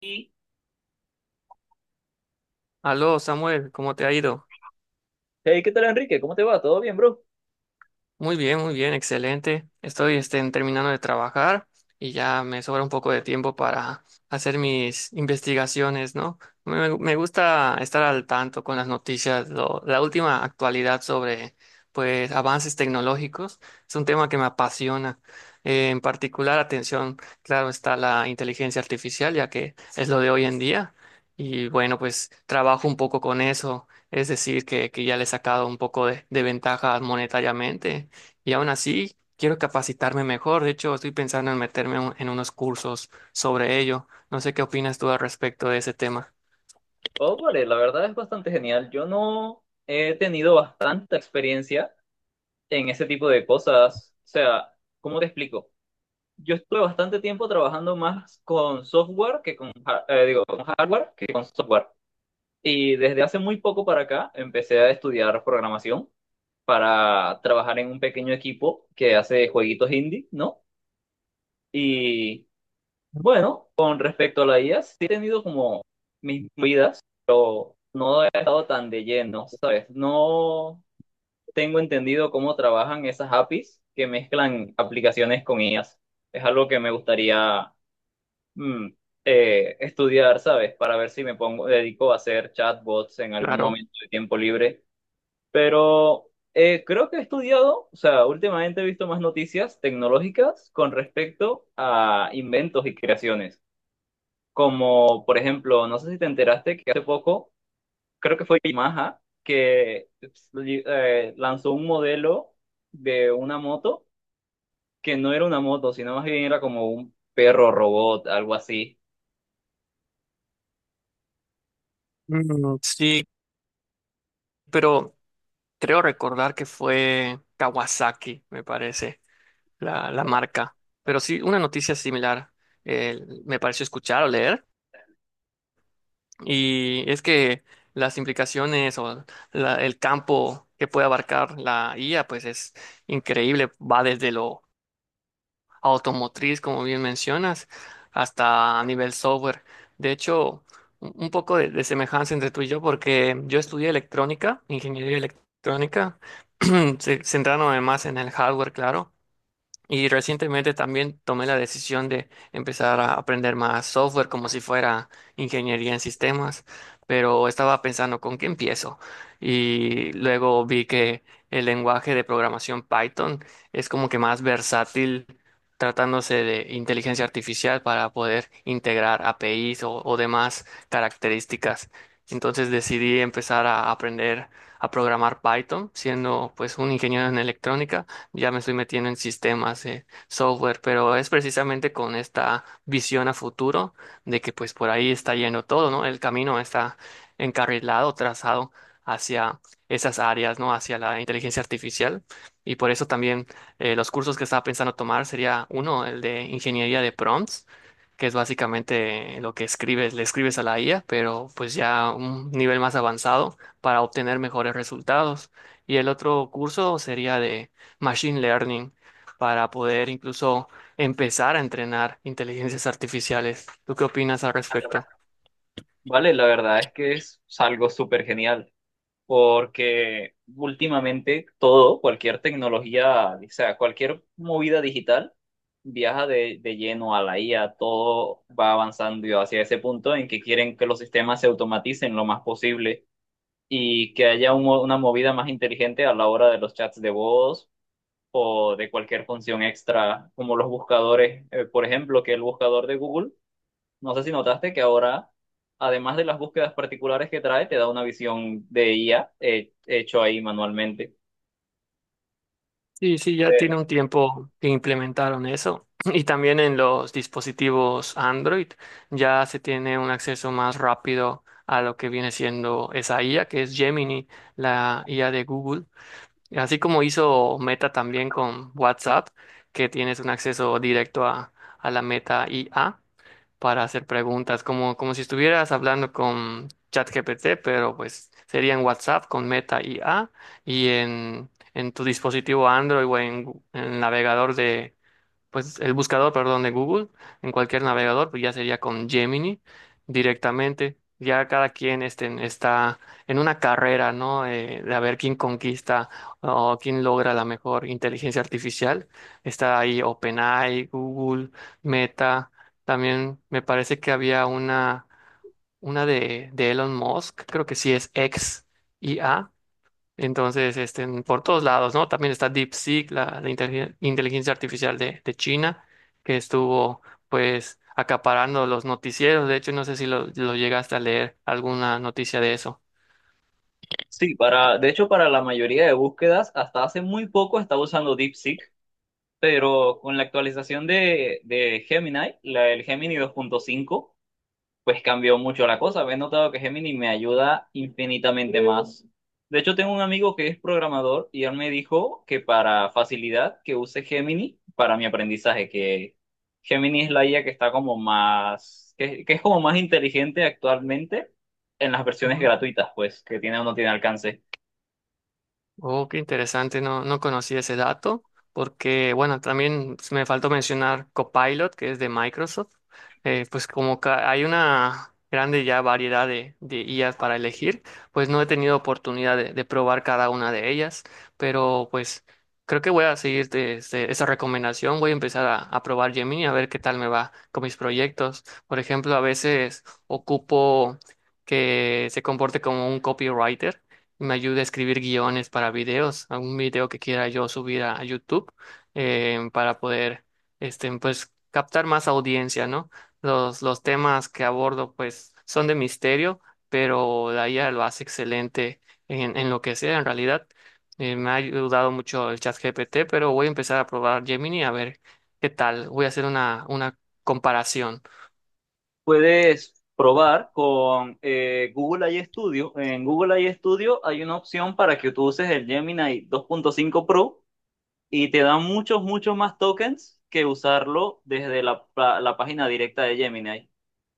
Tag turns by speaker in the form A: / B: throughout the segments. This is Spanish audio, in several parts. A: Hey,
B: Aló, Samuel, ¿cómo te ha ido?
A: ¿qué tal Enrique? ¿Cómo te va? ¿Todo bien, bro?
B: Muy bien, excelente. Estoy terminando de trabajar y ya me sobra un poco de tiempo para hacer mis investigaciones, ¿no? Me gusta estar al tanto con las noticias, la última actualidad sobre, pues, avances tecnológicos. Es un tema que me apasiona. En particular, atención, claro, está la inteligencia artificial, ya que es lo de hoy en día. Y bueno, pues trabajo un poco con eso. Es decir, que ya le he sacado un poco de ventaja monetariamente y aún así, quiero capacitarme mejor. De hecho, estoy pensando en meterme en unos cursos sobre ello. No sé qué opinas tú al respecto de ese tema.
A: Oh, vale, la verdad es bastante genial. Yo no he tenido bastante experiencia en ese tipo de cosas. O sea, ¿cómo te explico? Yo estuve bastante tiempo trabajando más con software que con hardware que con software. Y desde hace muy poco para acá empecé a estudiar programación para trabajar en un pequeño equipo que hace jueguitos indie, ¿no? Y Bueno, con respecto a la IA, sí he tenido como mis vidas, pero no he estado tan de lleno, ¿sabes? No tengo entendido cómo trabajan esas APIs que mezclan aplicaciones con IAs. Es algo que me gustaría mm, estudiar, ¿sabes? Para ver si me pongo, dedico a hacer chatbots en algún
B: Claro.
A: momento de tiempo libre. Pero creo que he estudiado, o sea, últimamente he visto más noticias tecnológicas con respecto a inventos y creaciones como, por ejemplo, no sé si te enteraste que hace poco, creo que fue Yamaha, que lanzó un modelo de una moto que no era una moto, sino más bien era como un perro robot, algo así.
B: Mm, sí, pero creo recordar que fue Kawasaki, me parece, la marca. Pero sí, una noticia similar eh, me pareció escuchar o leer. Y es que las implicaciones o el campo que puede abarcar la IA, pues es increíble. Va desde lo automotriz, como bien mencionas, hasta a nivel software. De hecho, un poco de semejanza entre tú y yo, porque yo estudié electrónica, ingeniería electrónica, centrándome más en el hardware, claro, y recientemente también tomé la decisión de empezar a aprender más software como si fuera ingeniería en sistemas, pero estaba pensando con qué empiezo. Y luego vi que el lenguaje de programación Python es como que más versátil tratándose de inteligencia artificial para poder integrar APIs o demás características. Entonces decidí empezar a aprender a programar Python, siendo pues un ingeniero en electrónica, ya me estoy metiendo en sistemas, software, pero es precisamente con esta visión a futuro de que pues por ahí está yendo todo, ¿no? El camino está encarrilado, trazado hacia esas áreas, ¿no? Hacia la inteligencia artificial. Y por eso también los cursos que estaba pensando tomar sería uno, el de ingeniería de prompts, que es básicamente lo que escribes, le escribes a la IA, pero pues ya un nivel más avanzado para obtener mejores resultados. Y el otro curso sería machine learning para poder incluso empezar a entrenar inteligencias artificiales. ¿Tú qué opinas al respecto?
A: Vale, la verdad es que es algo súper genial. Porque últimamente todo, cualquier tecnología, o sea, cualquier movida digital viaja de lleno a la IA, todo va avanzando hacia ese punto en que quieren que los sistemas se automaticen lo más posible y que haya una movida más inteligente a la hora de los chats de voz o de cualquier función extra, como los buscadores, por ejemplo, que el buscador de Google, no sé si notaste que ahora, además de las búsquedas particulares que trae, te da una visión de IA hecho ahí manualmente.
B: Sí, sí, ya tiene
A: Eh,
B: un tiempo que implementaron eso. Y también en los dispositivos Android ya se tiene un acceso más rápido a lo que viene siendo esa IA, que es Gemini, la IA de Google. Así como hizo Meta también con WhatsApp, que tienes un acceso directo a la Meta IA, para hacer preguntas, como, como si estuvieras hablando con ChatGPT, pero pues sería en WhatsApp con Meta IA y en tu dispositivo Android o en navegador de, pues el buscador, perdón, de Google, en cualquier navegador, pues ya sería con Gemini directamente. Ya cada quien está en una carrera, ¿no? De a ver quién conquista o quién logra la mejor inteligencia artificial. Está ahí OpenAI, Google, Meta. También me parece que había una de Elon Musk, creo que sí es X IA, entonces, este, por todos lados, ¿no? También está DeepSeek, la inteligencia artificial de China, que estuvo, pues, acaparando los noticieros. De hecho, no sé si lo llegaste a leer alguna noticia de eso.
A: sí, para, de hecho, para la mayoría de búsquedas, hasta hace muy poco estaba usando DeepSeek, pero con la actualización de Gemini, la, el Gemini 2.5, pues cambió mucho la cosa. He notado que Gemini me ayuda infinitamente más. De hecho, tengo un amigo que es programador y él me dijo que para facilidad que use Gemini para mi aprendizaje, que Gemini es la IA que está como más, que es como más inteligente actualmente en las versiones gratuitas, pues, que tiene o no tiene alcance.
B: Oh, qué interesante, no, no conocí ese dato, porque bueno, también me faltó mencionar Copilot, que es de Microsoft. Pues como hay una grande ya variedad de IAs para elegir, pues no he tenido oportunidad de probar cada una de ellas, pero pues creo que voy a seguir esa recomendación, voy a empezar a probar Gemini a ver qué tal me va con mis proyectos. Por ejemplo, a veces ocupo que se comporte como un copywriter, me ayude a escribir guiones para videos, algún video que quiera yo subir a YouTube, para poder, este, pues, captar más audiencia, ¿no? Los temas que abordo, pues, son de misterio, pero la IA lo hace excelente en lo que sea, en realidad. Me ha ayudado mucho el chat GPT, pero voy a empezar a probar Gemini a ver qué tal. Voy a hacer una comparación.
A: Puedes probar con Google AI Studio. En Google AI Studio hay una opción para que tú uses el Gemini 2.5 Pro y te da muchos, muchos más tokens que usarlo desde la página directa de Gemini.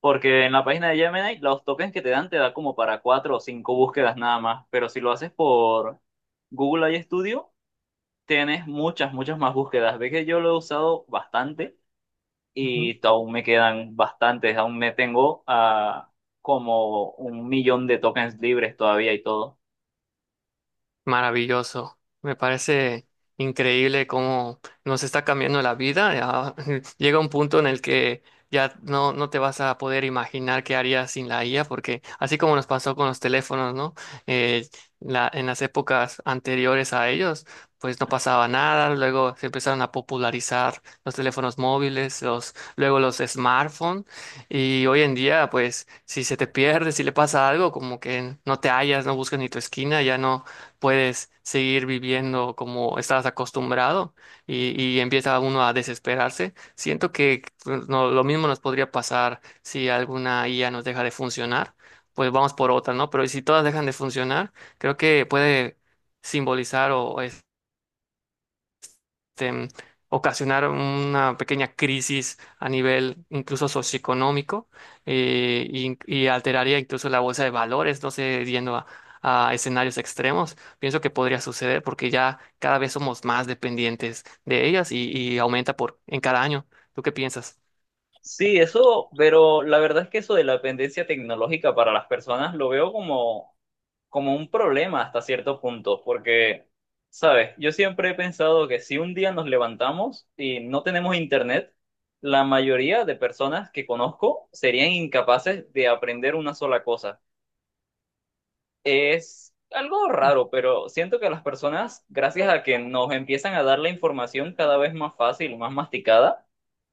A: Porque en la página de Gemini los tokens que te dan te da como para 4 o 5 búsquedas nada más. Pero si lo haces por Google I Studio tienes muchas, muchas más búsquedas. Ves que yo lo he usado bastante y aún me quedan bastantes. Aún me tengo a como 1 millón de tokens libres todavía y todo.
B: Maravilloso. Me parece increíble cómo nos está cambiando la vida. Ya llega un punto en el que ya no te vas a poder imaginar qué harías sin la IA, porque así como nos pasó con los teléfonos, ¿no? Eh, en las épocas anteriores a ellos, pues no pasaba nada. Luego se empezaron a popularizar los teléfonos móviles, luego los smartphones. Y hoy en día, pues, si se te pierde, si le pasa algo, como que no te hallas, no buscas ni tu esquina, ya no puedes seguir viviendo como estabas acostumbrado y empieza uno a desesperarse. Siento que pues, lo mismo nos podría pasar si alguna IA nos deja de funcionar, pues vamos por otra, ¿no? Pero si todas dejan de funcionar, creo que puede simbolizar o este, ocasionar una pequeña crisis a nivel incluso socioeconómico, y alteraría incluso la bolsa de valores, no sé, yendo a escenarios extremos. Pienso que podría suceder porque ya cada vez somos más dependientes de ellas y aumenta por en cada año. ¿Tú qué piensas?
A: Sí, eso, pero la verdad es que eso de la dependencia tecnológica para las personas lo veo como, como un problema hasta cierto punto, porque, sabes, yo siempre he pensado que si un día nos levantamos y no tenemos internet, la mayoría de personas que conozco serían incapaces de aprender una sola cosa. Es algo raro, pero siento que las personas, gracias a que nos empiezan a dar la información cada vez más fácil, más masticada,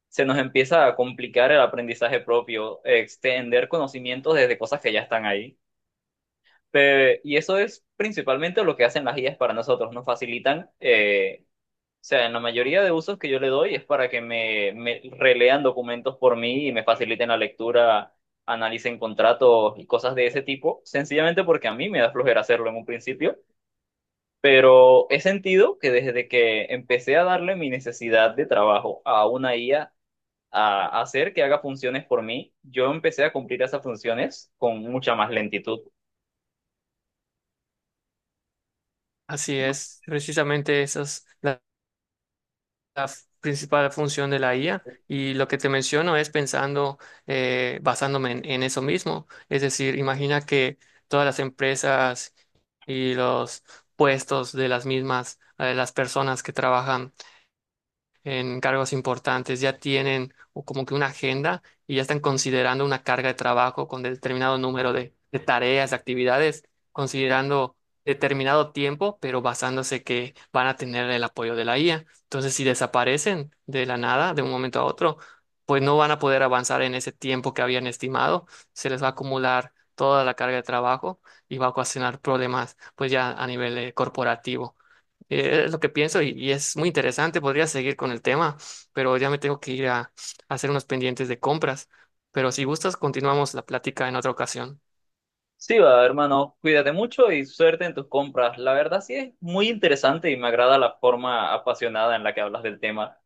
A: se nos empieza a complicar el aprendizaje propio, extender conocimientos desde cosas que ya están ahí. Y eso es principalmente lo que hacen las guías para nosotros, nos facilitan, o sea, en la mayoría de usos que yo le doy es para que me relean documentos por mí y me faciliten la lectura, analicen contratos y cosas de ese tipo, sencillamente porque a mí me da flojera hacerlo en un principio. Pero he sentido que desde que empecé a darle mi necesidad de trabajo a una IA, a hacer que haga funciones por mí, yo empecé a cumplir esas funciones con mucha más lentitud.
B: Así es, precisamente esas. La principal función de la IA y lo que te menciono es pensando, basándome en eso mismo. Es decir, imagina que todas las empresas y los puestos de las mismas, las personas que trabajan en cargos importantes, ya tienen o como que una agenda y ya están considerando una carga de trabajo con determinado número de tareas, de actividades, considerando determinado tiempo, pero basándose que van a tener el apoyo de la IA. Entonces, si desaparecen de la nada, de un momento a otro, pues no van a poder avanzar en ese tiempo que habían estimado, se les va a acumular toda la carga de trabajo y va a ocasionar problemas, pues ya a nivel corporativo. Es lo que pienso y es muy interesante. Podría seguir con el tema, pero ya me tengo que ir a hacer unos pendientes de compras. Pero si gustas, continuamos la plática en otra ocasión.
A: Sí, va, hermano, cuídate mucho y suerte en tus compras. La verdad sí es muy interesante y me agrada la forma apasionada en la que hablas del tema.